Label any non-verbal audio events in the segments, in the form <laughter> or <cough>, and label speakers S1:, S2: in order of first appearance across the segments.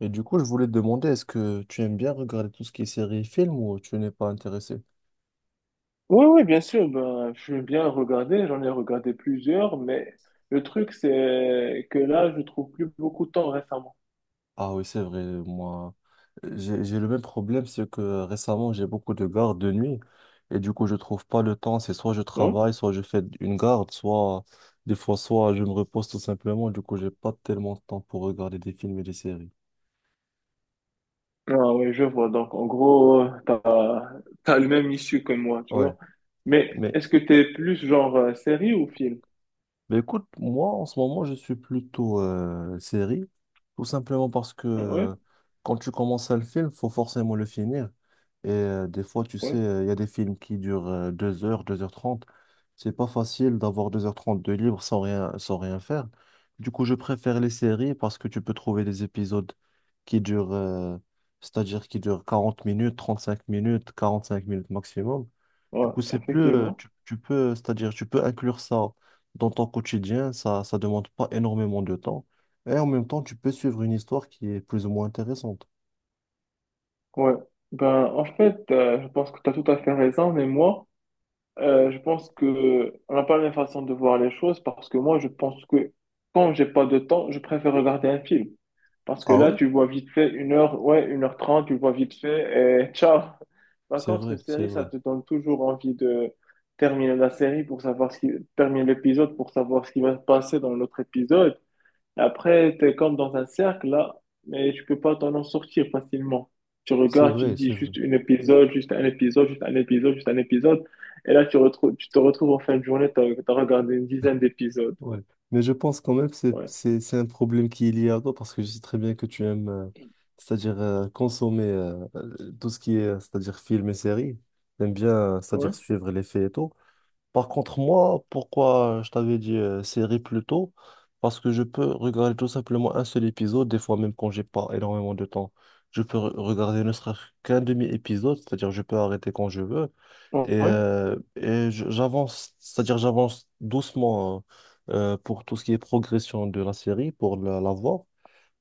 S1: Et du coup, je voulais te demander, est-ce que tu aimes bien regarder tout ce qui est séries et films ou tu n'es pas intéressé?
S2: Oui, oui, bien sûr, ben, j'aime bien regarder, j'en ai regardé plusieurs, mais le truc, c'est que là, je trouve plus beaucoup de temps récemment.
S1: Ah oui, c'est vrai, moi, j'ai le même problème, c'est que récemment, j'ai beaucoup de gardes de nuit et du coup, je trouve pas le temps. C'est soit je
S2: Non?
S1: travaille, soit je fais une garde, soit des fois, soit je me repose tout simplement. Du coup, j'ai pas tellement de temps pour regarder des films et des séries.
S2: Ah oui, je vois. Donc, en gros, t'as le même issue que moi, tu
S1: Ouais.
S2: vois. Mais
S1: mais
S2: est-ce que t'es plus genre série ou film?
S1: Mais écoute, moi, en ce moment, je suis plutôt série, tout simplement parce que
S2: Ouais,
S1: quand tu commences un film, faut forcément le finir. Et des fois, tu sais,
S2: ouais,
S1: il y a des films qui durent 2 heures, 2h30. C'est pas facile d'avoir 2h30 de libre sans rien, faire. Du coup, je préfère les séries parce que tu peux trouver des épisodes qui durent, c'est-à-dire qui durent 40 minutes, 35 minutes, 45 minutes maximum. Du
S2: ouais,
S1: coup, c'est plus,
S2: effectivement.
S1: tu peux, c'est-à-dire, tu peux inclure ça dans ton quotidien, ça demande pas énormément de temps. Et en même temps, tu peux suivre une histoire qui est plus ou moins intéressante.
S2: Ouais. Ben, en fait, je pense que t'as tout à fait raison, mais moi, je pense que on n'a pas la même façon de voir les choses parce que moi, je pense que quand j'ai pas de temps, je préfère regarder un film. Parce que
S1: Ah
S2: là,
S1: ouais?
S2: tu vois vite fait 1 heure, ouais, 1h30, tu vois vite fait et <laughs> ciao. Par
S1: C'est
S2: contre,
S1: vrai,
S2: une
S1: c'est
S2: série, ça
S1: vrai.
S2: te donne toujours envie de terminer la série pour savoir ce qui, terminer l'épisode pour savoir ce qui va se passer dans l'autre épisode. Après, tu es comme dans un cercle là, mais tu peux pas t'en en sortir facilement. Tu
S1: C'est
S2: regardes, tu te
S1: vrai,
S2: dis
S1: c'est vrai.
S2: juste un épisode, juste un épisode, juste un épisode, juste un épisode. Et là, tu te retrouves en fin de journée, tu as regardé une dizaine d'épisodes.
S1: Ouais. Mais je pense quand même que c'est
S2: Ouais.
S1: c'est- c'est un problème qui est lié à toi parce que je sais très bien que tu aimes, c'est-à-dire consommer tout ce qui est, c'est-à-dire film et séries. T'aimes bien,
S2: Ouais.
S1: c'est-à-dire suivre les faits et tout. Par contre, moi, pourquoi je t'avais dit série plus tôt? Parce que je peux regarder tout simplement un seul épisode, des fois même quand j'ai pas énormément de temps. Je peux regarder ne serait-ce qu'un demi-épisode, c'est-à-dire je peux arrêter quand je veux. Et,
S2: Ouais.
S1: euh, et j'avance, c'est-à-dire j'avance doucement pour tout ce qui est progression de la série, pour la voir.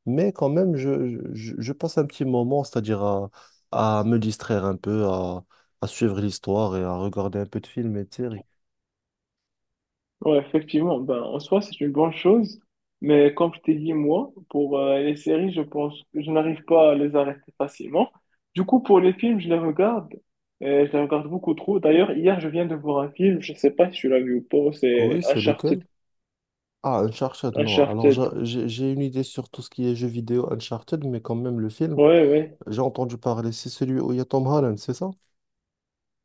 S1: Mais quand même, je passe un petit moment, c'est-à-dire à, me distraire un peu, à suivre l'histoire et à regarder un peu de films et de séries.
S2: Ouais, effectivement, ben, en soi, c'est une bonne chose, mais comme je t'ai dit, moi, pour les séries, je pense que je n'arrive pas à les arrêter facilement. Du coup, pour les films, je les regarde, et je les regarde beaucoup trop. D'ailleurs, hier, je viens de voir un film, je ne sais pas si tu l'as vu ou pas, c'est
S1: Oui, c'est
S2: Uncharted.
S1: lequel? Ah, Uncharted, non. Alors,
S2: Uncharted.
S1: j'ai une idée sur tout ce qui est jeux vidéo Uncharted, mais quand même, le film,
S2: Ouais, ouais,
S1: j'ai entendu parler, c'est celui où il y a Tom Holland, c'est ça?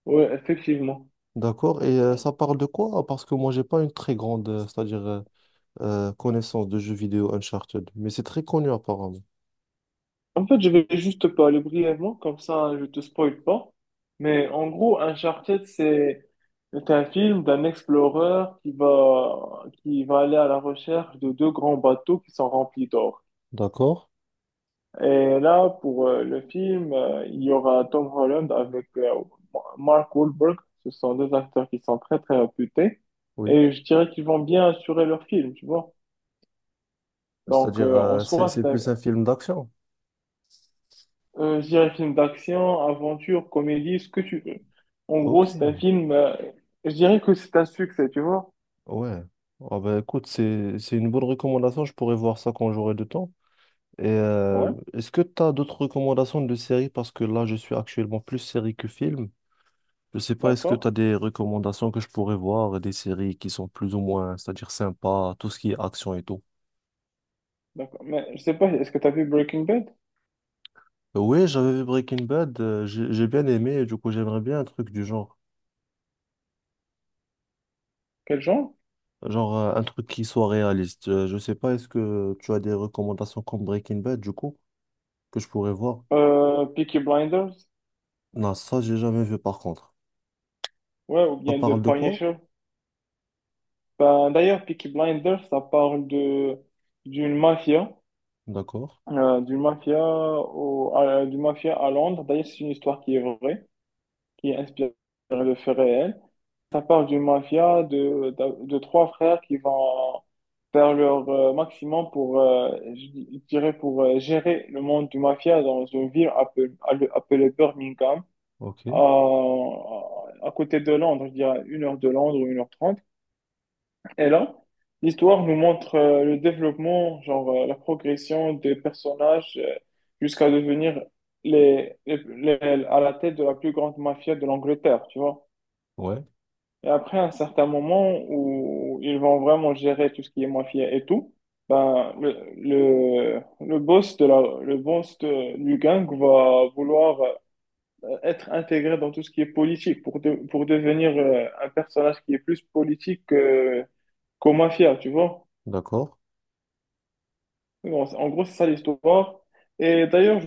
S2: ouais, effectivement.
S1: D'accord. Et ça parle de quoi? Parce que moi, j'ai pas une très grande, c'est-à-dire, connaissance de jeux vidéo Uncharted, mais c'est très connu apparemment.
S2: En fait, je vais juste te parler brièvement, comme ça je te spoil pas. Mais en gros, Uncharted, c'est un film d'un explorer qui va, aller à la recherche de deux grands bateaux qui sont remplis d'or.
S1: D'accord.
S2: Et là, pour le film, il y aura Tom Holland avec Mark Wahlberg. Ce sont deux acteurs qui sont très, très réputés.
S1: Oui.
S2: Et je dirais qu'ils vont bien assurer leur film, tu vois. Donc,
S1: C'est-à-dire,
S2: en
S1: c'est
S2: soi,
S1: c'est
S2: c'est un
S1: plus un film d'action.
S2: Je dirais film d'action, aventure, comédie, ce que tu veux. En gros,
S1: Ok,
S2: c'est un film, je dirais que c'est un succès, tu vois.
S1: ouais. Ah ben écoute, c'est une bonne recommandation, je pourrais voir ça quand j'aurai du temps. Et
S2: Ouais,
S1: est-ce que tu as d'autres recommandations de séries? Parce que là, je suis actuellement plus série que film. Je sais pas, est-ce que tu
S2: d'accord,
S1: as des recommandations que je pourrais voir, des séries qui sont plus ou moins, c'est-à-dire sympas, tout ce qui est action et tout.
S2: d'accord. Mais je sais pas, est-ce que tu as vu Breaking Bad?
S1: Oui, j'avais vu Breaking Bad, j'ai bien aimé, et du coup, j'aimerais bien un truc du genre.
S2: Quel genre?
S1: Genre un truc qui soit réaliste. Je sais pas, est-ce que tu as des recommandations comme Breaking Bad, du coup, que je pourrais voir?
S2: Peaky Blinders?
S1: Non, ça, j'ai jamais vu par contre.
S2: Ouais, ou
S1: Ça
S2: bien The
S1: parle de quoi?
S2: Punisher? Ben, d'ailleurs, Peaky Blinders, ça parle de d'une mafia,
S1: D'accord.
S2: du mafia à Londres. D'ailleurs, c'est une histoire qui est vraie, qui est inspirée de faits réels. Ça parle d'une mafia de trois frères qui vont faire leur maximum je dirais, pour gérer le monde du mafia dans une ville appelée Birmingham,
S1: Ok.
S2: à, à côté de Londres, je dirais 1 heure de Londres ou 1h30. Et là, l'histoire nous montre le développement, genre la progression des personnages jusqu'à devenir à la tête de la plus grande mafia de l'Angleterre, tu vois.
S1: Ouais.
S2: Et après, à un certain moment où ils vont vraiment gérer tout ce qui est mafia et tout, ben, le boss de la, le boss de- du gang va vouloir être intégré dans tout ce qui est politique pour devenir un personnage qui est plus politique qu'au mafia, tu vois.
S1: D'accord.
S2: Bon, en gros, c'est ça l'histoire. Et d'ailleurs,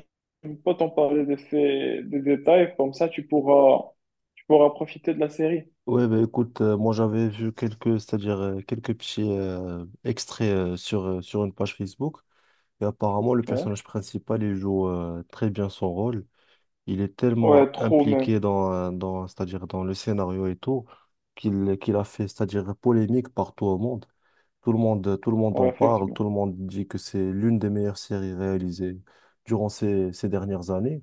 S2: je ne peux pas t'en parler de des détails, comme ça tu pourras profiter de la série.
S1: Ouais, bah écoute, moi j'avais vu quelques, c'est-à-dire quelques petits extraits sur une page Facebook. Et apparemment, le
S2: Ouais,
S1: personnage principal, il joue très bien son rôle. Il est tellement
S2: ouais trop même.
S1: impliqué c'est-à-dire dans le scénario et tout, qu'il a fait, c'est-à-dire polémique partout au monde. Tout le monde, tout le monde
S2: Ouais,
S1: en parle,
S2: effectivement.
S1: tout le monde dit que c'est l'une des meilleures séries réalisées durant ces, dernières années.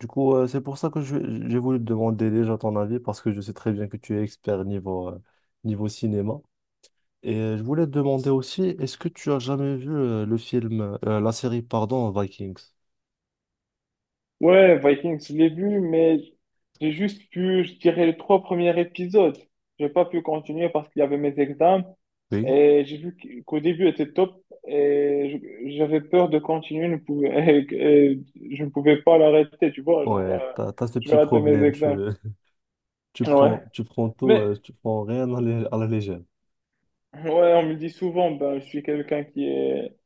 S1: Du coup, c'est pour ça que j'ai voulu te demander déjà ton avis, parce que je sais très bien que tu es expert niveau, niveau cinéma. Et je voulais te demander aussi, est-ce que tu as jamais vu le film, la série, pardon, Vikings?
S2: Ouais, Vikings, je l'ai vu, mais j'ai juste vu, je dirais, les trois premiers épisodes. J'ai pas pu continuer parce qu'il y avait mes examens
S1: Oui.
S2: et j'ai vu qu'au début était top et j'avais peur de continuer, ne pouvais- <laughs> et je ne pouvais pas l'arrêter, tu vois, genre,
S1: Ouais, t'as ce
S2: je vais
S1: petit
S2: rater mes
S1: problème,
S2: examens.
S1: <laughs>
S2: Ouais.
S1: Tu prends tout,
S2: Mais,
S1: tu prends rien à la, légère.
S2: ouais, on me dit souvent, ben, je suis quelqu'un qui est,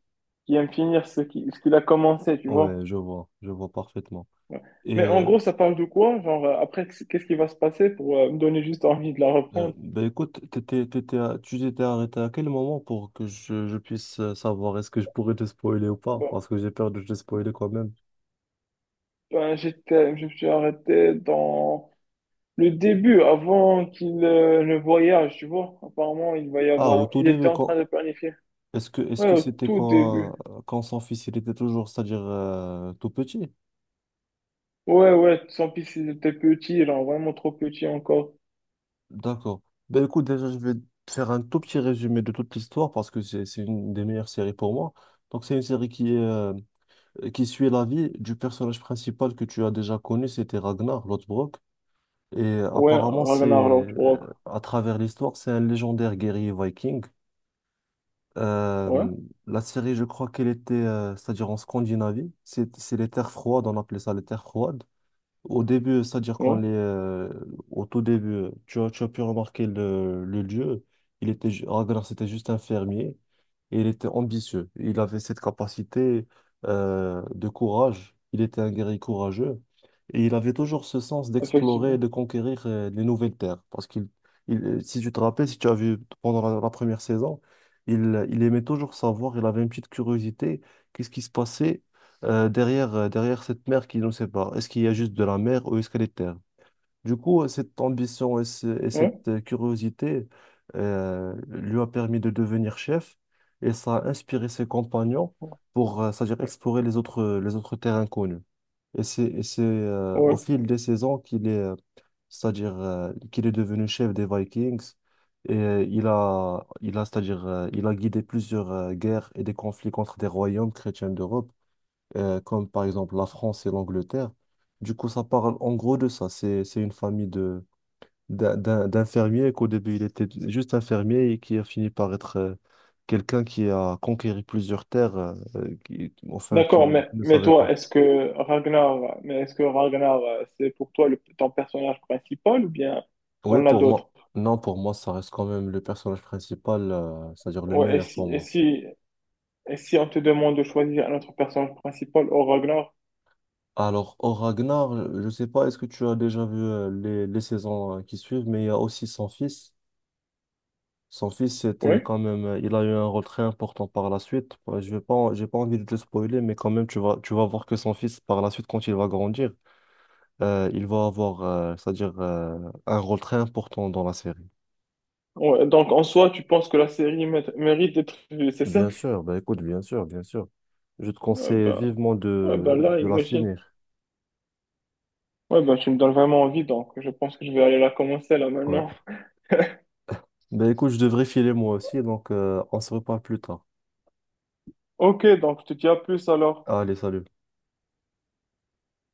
S2: qui aime finir ce qu'il a commencé, tu vois.
S1: Ouais, je vois parfaitement.
S2: Ouais.
S1: Et
S2: Mais en gros, ça parle de quoi? Genre, après, qu'est-ce qui va se passer pour me donner juste envie de la reprendre?
S1: bah, écoute, tu t'étais arrêté à quel moment pour que je puisse savoir est-ce que je pourrais te spoiler ou pas?
S2: Bon,
S1: Parce que j'ai peur de te spoiler quand même.
S2: ben, je me suis arrêté dans le début, avant qu'il ne voyage, tu vois. Apparemment, il va y
S1: Ah, au
S2: avoir,
S1: tout
S2: il était
S1: début,
S2: en train
S1: quand,
S2: de planifier.
S1: est-ce que, est-ce
S2: Ouais,
S1: que
S2: au
S1: c'était
S2: tout début.
S1: quand son fils il était toujours, c'est-à-dire tout petit?
S2: Ouais, ouais, sans piste, il était petit, genre vraiment trop petit encore.
S1: D'accord. Ben écoute, déjà, je vais te faire un tout petit résumé de toute l'histoire parce que c'est une des meilleures séries pour moi. Donc, c'est une série qui est. Qui suit la vie du personnage principal que tu as déjà connu, c'était Ragnar Lothbrok. Et
S2: Ouais,
S1: apparemment, c'est
S2: Ragnar Lothbrok.
S1: à travers l'histoire, c'est un légendaire guerrier viking.
S2: Ouais,
S1: Euh, la série, je crois qu'elle était, c'est-à-dire en Scandinavie, c'est les terres froides, on appelait ça les terres froides. Au début, c'est-à-dire
S2: ouais,
S1: au tout début, tu as pu remarquer le lieu. Ragnar, c'était juste un fermier et il était ambitieux. Il avait cette capacité de courage. Il était un guerrier courageux et il avait toujours ce sens d'explorer et
S2: effectivement.
S1: de conquérir les nouvelles terres. Si tu te rappelles, si tu as vu pendant la première saison, il aimait toujours savoir. Il avait une petite curiosité. Qu'est-ce qui se passait derrière, derrière cette mer qui nous sépare? Est-ce qu'il y a juste de la mer ou est-ce qu'elle est terre? Du coup, cette ambition et, et
S2: Ouais,
S1: cette curiosité lui a permis de devenir chef et ça a inspiré ses compagnons pour, c'est-à-dire explorer les autres terres inconnues. Et au
S2: ouais.
S1: fil des saisons qu'il est devenu chef des Vikings et c'est-à-dire il a guidé plusieurs guerres et des conflits contre des royaumes chrétiens d'Europe comme par exemple la France et l'Angleterre. Du coup, ça parle en gros de ça. C'est une famille d'infirmiers qu'au début, il était juste infirmier et qui a fini par être quelqu'un qui a conquéri plusieurs terres, enfin,
S2: D'accord,
S1: qu'il
S2: mais,
S1: ne
S2: mais
S1: savait
S2: toi,
S1: pas.
S2: est-ce que Ragnar, c'est pour toi ton personnage principal ou bien
S1: Oui,
S2: t'en as
S1: pour
S2: d'autres?
S1: moi, non, pour moi, ça reste quand même le personnage principal, c'est-à-dire le
S2: Ouais, et
S1: meilleur pour
S2: si, et
S1: moi.
S2: si, Et si on te demande de choisir un autre personnage principal au Ragnar,
S1: Alors, au Ragnar, je ne sais pas, est-ce que tu as déjà vu les, saisons qui suivent, mais il y a aussi son fils. Son fils, c'était
S2: oui.
S1: quand même, il a eu un rôle très important par la suite. Ouais, je vais pas, j'ai pas envie de te spoiler, mais quand même, tu vas voir que son fils, par la suite, quand il va grandir, il va avoir, c'est-à-dire, un rôle très important dans la série.
S2: Ouais, donc en soi, tu penses que la série mérite d'être vue, c'est ça?
S1: Bien sûr, bah écoute, bien sûr, bien sûr. Je te
S2: Ouais,
S1: conseille
S2: bah,
S1: vivement
S2: ouais, bah là,
S1: de la
S2: imagine.
S1: finir.
S2: Ouais, bah tu me donnes vraiment envie, donc je pense que je vais aller la commencer là
S1: Ouais.
S2: maintenant. <laughs>
S1: Bah écoute, je devrais filer moi aussi, donc on se reparle plus tard.
S2: Ok, donc je te dis à plus alors.
S1: Allez, salut.